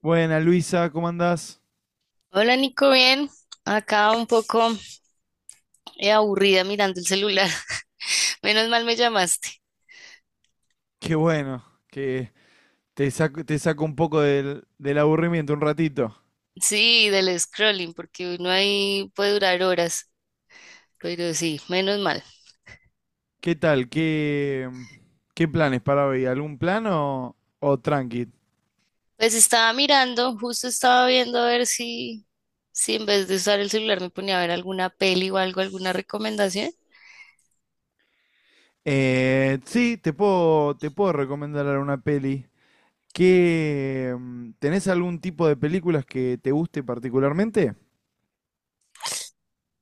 Buena, Luisa, ¿cómo andás? Hola Nico, bien. Acá un poco aburrida mirando el celular. Menos mal me llamaste. Qué bueno, que te saco un poco del aburrimiento un ratito. Sí, del scrolling, porque uno ahí puede durar horas, pero sí, menos mal. ¿Qué tal? ¿ qué planes para hoy? ¿Algún plan o tranqui? Pues estaba mirando, justo estaba viendo a ver si en vez de usar el celular me ponía a ver alguna peli o algo, alguna recomendación. Sí, te puedo recomendar una peli. ¿Tenés algún tipo de películas que te guste particularmente?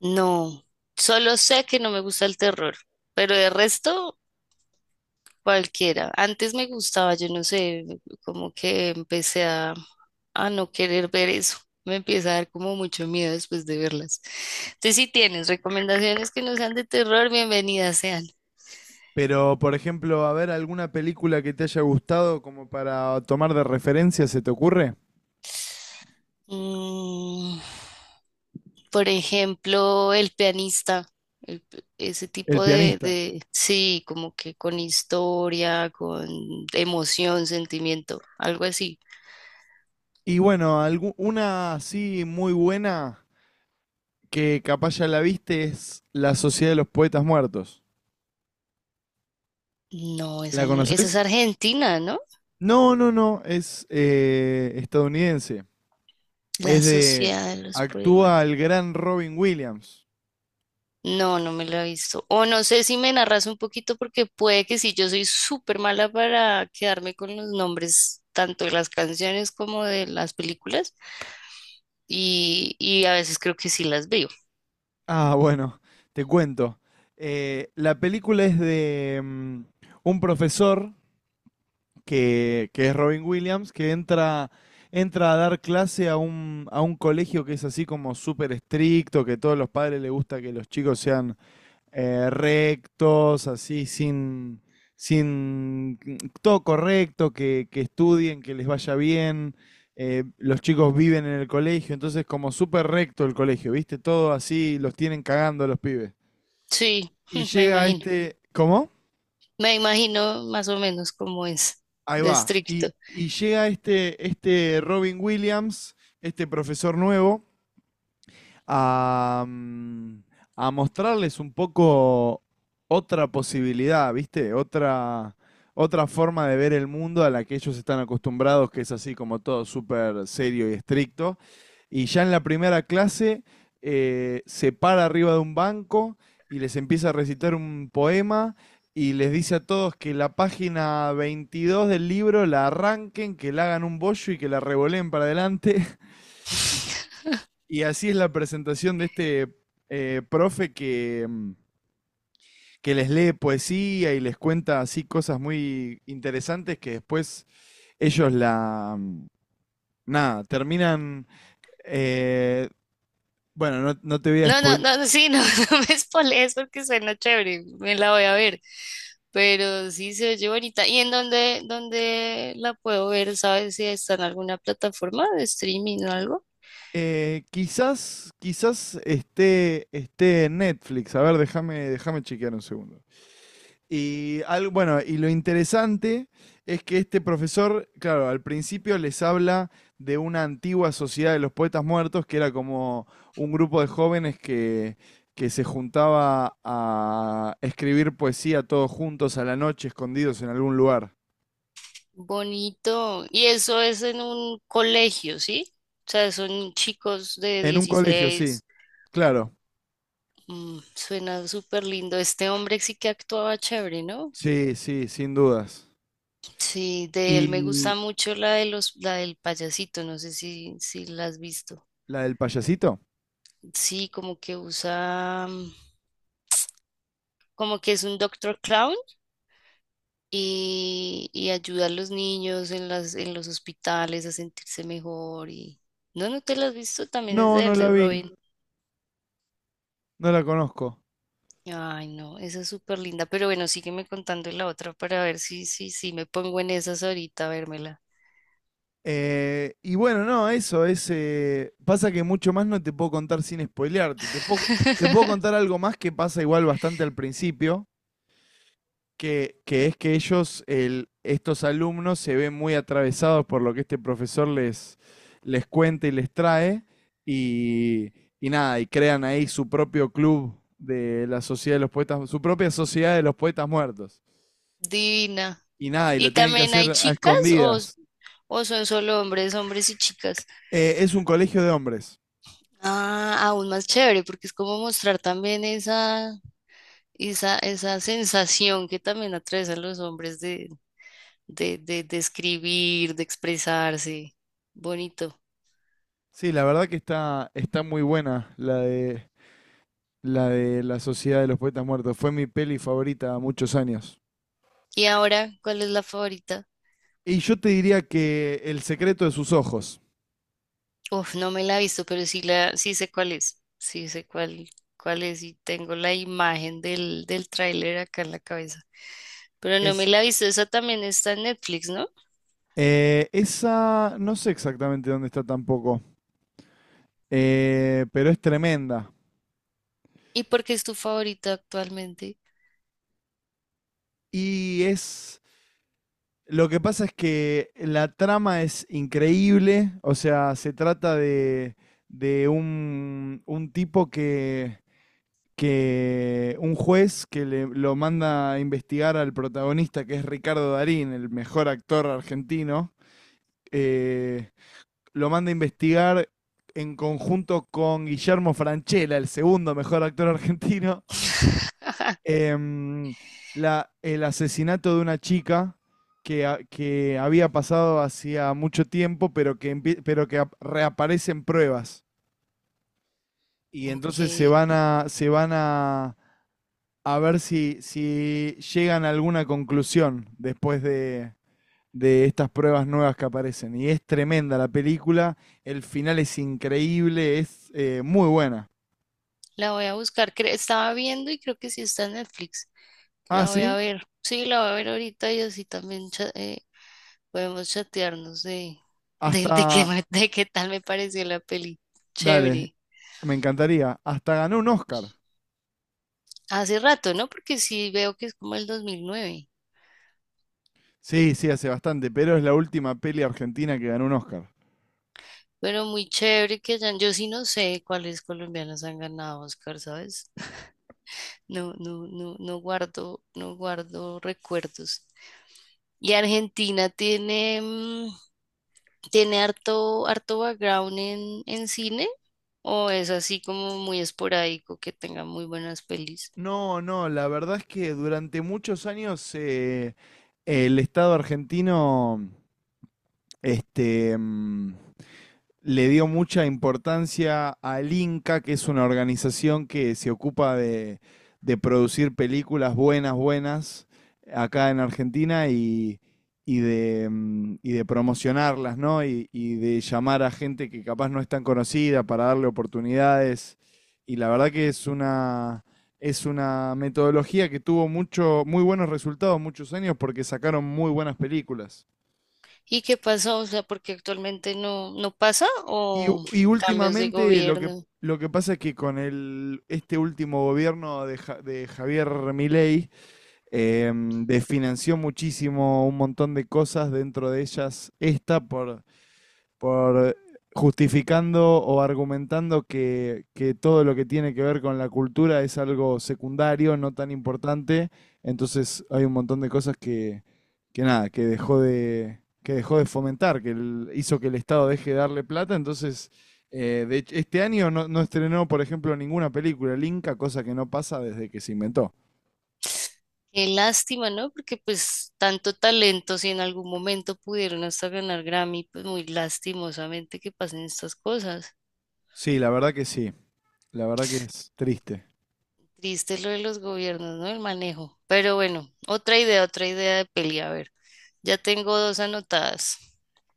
No, solo sé que no me gusta el terror, pero de resto, cualquiera. Antes me gustaba, yo no sé, como que empecé a no querer ver eso. Me empieza a dar como mucho miedo después de verlas. Entonces, si tienes recomendaciones que no sean de terror, bienvenidas sean. Pero, por ejemplo, a ver, alguna película que te haya gustado como para tomar de referencia, ¿se te ocurre? Mm, por ejemplo, El pianista, el- ese El tipo de, pianista. de, sí, como que con historia, con emoción, sentimiento, algo así. Y bueno, una así muy buena que capaz ya la viste es La Sociedad de los Poetas Muertos. No, ¿La esa no, esa es conoces? Argentina, ¿no? No, es estadounidense. La Es de... sociedad de los poemas. Actúa el gran Robin Williams. No, no me la he visto. O no sé si me narras un poquito porque puede que sí, yo soy súper mala para quedarme con los nombres tanto de las canciones como de las películas y a veces creo que sí las veo. Ah, bueno, te cuento. La película es de un profesor que es Robin Williams, que entra, entra a dar clase a a un colegio que es así como súper estricto, que a todos los padres les gusta que los chicos sean rectos, así sin todo correcto, que estudien, que les vaya bien. Los chicos viven en el colegio, entonces como súper recto el colegio, ¿viste? Todo así, los tienen cagando los pibes. Sí, Y me llega imagino. este... ¿Cómo? Me imagino más o menos cómo es Ahí de va. Estricto. Y llega este Robin Williams, este profesor nuevo, a, mm, a mostrarles un poco otra posibilidad, ¿viste? Otra forma de ver el mundo a la que ellos están acostumbrados, que es así como todo súper serio y estricto. Y ya en la primera clase se para arriba de un banco y les empieza a recitar un poema y les dice a todos que la página 22 del libro la arranquen, que la hagan un bollo y que la revoleen para adelante. Y y así es la presentación de este profe que les lee poesía y les cuenta así cosas muy interesantes que después ellos la... mm, Nada, terminan... eh, bueno, no te voy a No, no, spoiler. no, no, sí, no, no me spoilees porque suena chévere, me la voy a ver. Pero sí se oye bonita. ¿Y en dónde la puedo ver? ¿Sabes si está en alguna plataforma de streaming o algo? Quizás esté en Netflix. A ver, déjame chequear un segundo. Y lo interesante es que este profesor, claro, al principio les habla de una antigua sociedad de los poetas muertos, que era como un grupo de jóvenes que se juntaba a escribir poesía todos juntos a la noche, escondidos en algún lugar. Bonito. Y eso es en un colegio, ¿sí? O sea, son chicos de En un colegio, sí, 16. claro. Suena súper lindo. Este hombre sí que actuaba chévere, ¿no? Sí, sí, sin dudas. Sí, de él me ¿Y gusta mucho la de la del payasito, no sé si la has visto. la del payasito? Sí, como que usa, como que es un Doctor Clown y ayuda a los niños en en los hospitales a sentirse mejor y. No, no te la has visto, también No, es de él, no de la vi, Robin. no la conozco. Ay, no, esa es súper linda, pero bueno, sígueme contando la otra para ver si, si, si me pongo en esas ahorita a vérmela. Y bueno, no, eso es. Pasa que mucho más no te puedo contar sin spoilearte. Te puedo contar algo más que pasa igual bastante al principio, que es que estos alumnos, se ven muy atravesados por lo que este profesor les cuenta y les trae. Y, y nada, y crean ahí su propio club de la Sociedad de los Poetas, su propia Sociedad de los Poetas Muertos. Divina. Y nada, y lo ¿Y tienen que también hacer hay a chicas escondidas. o son solo hombres, hombres y chicas? Es un colegio de hombres. Ah, aún más chévere, porque es como mostrar también esa sensación que también atraviesan los hombres de escribir, de expresarse. Bonito. Sí, la verdad que está muy buena la de La Sociedad de los Poetas Muertos. Fue mi peli favorita muchos años. ¿Y ahora cuál es la favorita? Y yo te diría que El secreto de sus ojos. Uf, no me la he visto, pero sí sí sé cuál es. Sí sé cuál es y tengo la imagen del tráiler acá en la cabeza. Pero no me Es, la he visto, esa también está en Netflix, ¿no? Esa, no sé exactamente dónde está tampoco, pero es tremenda. ¿Y por qué es tu favorita actualmente? Y es, lo que pasa es que la trama es increíble, o sea, se trata de un tipo que un juez que le, lo manda a investigar al protagonista, que es Ricardo Darín, el mejor actor argentino, eh, lo manda a investigar en conjunto con Guillermo Francella, el segundo mejor actor argentino, em, el asesinato de una chica que había pasado hacía mucho tiempo, pero pero que reaparecen pruebas. Y Ok, entonces se van a ver si, si llegan a alguna conclusión después de estas pruebas nuevas que aparecen. Y es tremenda la película, el final es increíble, es muy buena. la voy a buscar. Estaba viendo y creo que sí está en Netflix. Ah, La voy a sí, ver. Sí, la voy a ver ahorita y así también podemos chatearnos de qué, hasta, de qué tal me pareció la peli. Dale, Chévere. me encantaría, hasta ganó un Oscar. Hace rato, ¿no? Porque sí veo que es como el 2009. Sí, sí, hace bastante, pero es la última peli argentina que ganó un Oscar. Pero muy chévere que hayan, yo sí no sé cuáles colombianos han ganado Oscar, ¿sabes? No, no, no, no guardo recuerdos. Y Argentina tiene, tiene harto, harto background en cine, o es así como muy esporádico que tenga muy buenas pelis. No, no, la verdad es que durante muchos años el Estado argentino, este, mm, le dio mucha importancia al Inca, que es una organización que se ocupa de producir películas buenas, buenas, acá en Argentina y, y de promocionarlas, ¿no? Y de llamar a gente que capaz no es tan conocida para darle oportunidades. Y la verdad que es una metodología que tuvo mucho, muy buenos resultados muchos años porque sacaron muy buenas películas. ¿Y qué pasó? O sea, porque actualmente no, no pasa Y, u- o y cambios de últimamente lo gobierno. lo que pasa es que con este último gobierno de Javier Milei desfinanció muchísimo un montón de cosas, dentro de ellas esta, por justificando o argumentando que todo lo que tiene que ver con la cultura es algo secundario, no tan importante. Entonces hay un montón de cosas que nada, que dejó de fomentar, hizo que el Estado deje de darle plata. Entonces, de hecho, este año no estrenó, por ejemplo, ninguna película el Inca, cosa que no pasa desde que se inventó. Qué lástima, ¿no? Porque pues tanto talento, si en algún momento pudieron hasta ganar Grammy, pues muy lastimosamente que pasen estas cosas. Sí, la verdad que sí. La verdad que es triste. Triste lo de los gobiernos, ¿no? El manejo. Pero bueno, otra idea de peli. A ver, ya tengo dos anotadas.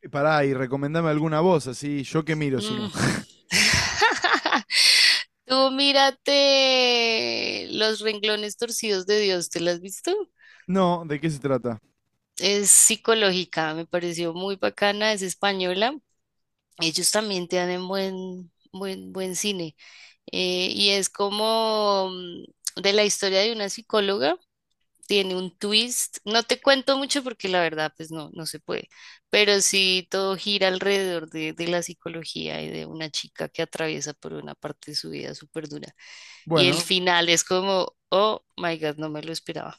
Pará, y recomendame alguna voz, así yo que miro, si no. Mm. Tú mírate Los renglones torcidos de Dios, ¿te las has visto? No, ¿de qué se trata? Es psicológica, me pareció muy bacana, es española. Ellos también te dan en buen, buen, buen cine. Y es como de la historia de una psicóloga, tiene un twist. No te cuento mucho porque la verdad, pues no, no se puede. Pero sí todo gira alrededor de la psicología y de una chica que atraviesa por una parte de su vida súper dura. Y el Bueno, final es como, oh my God, no me lo esperaba.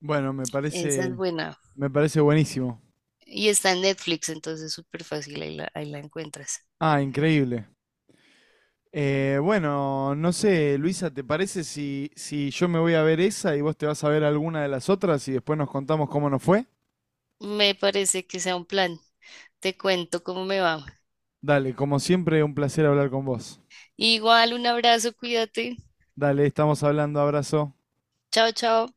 bueno, me Esa es parece, buena. me parece buenísimo. Y está en Netflix, entonces súper fácil, ahí ahí la encuentras. Ah, increíble. Bueno, no sé, Luisa, ¿te parece si, si yo me voy a ver esa y vos te vas a ver alguna de las otras y después nos contamos cómo nos fue? Me parece que sea un plan. Te cuento cómo me va. Dale, como siempre, un placer hablar con vos. Igual, un abrazo, cuídate. Dale, estamos hablando, abrazo. Chao, chao.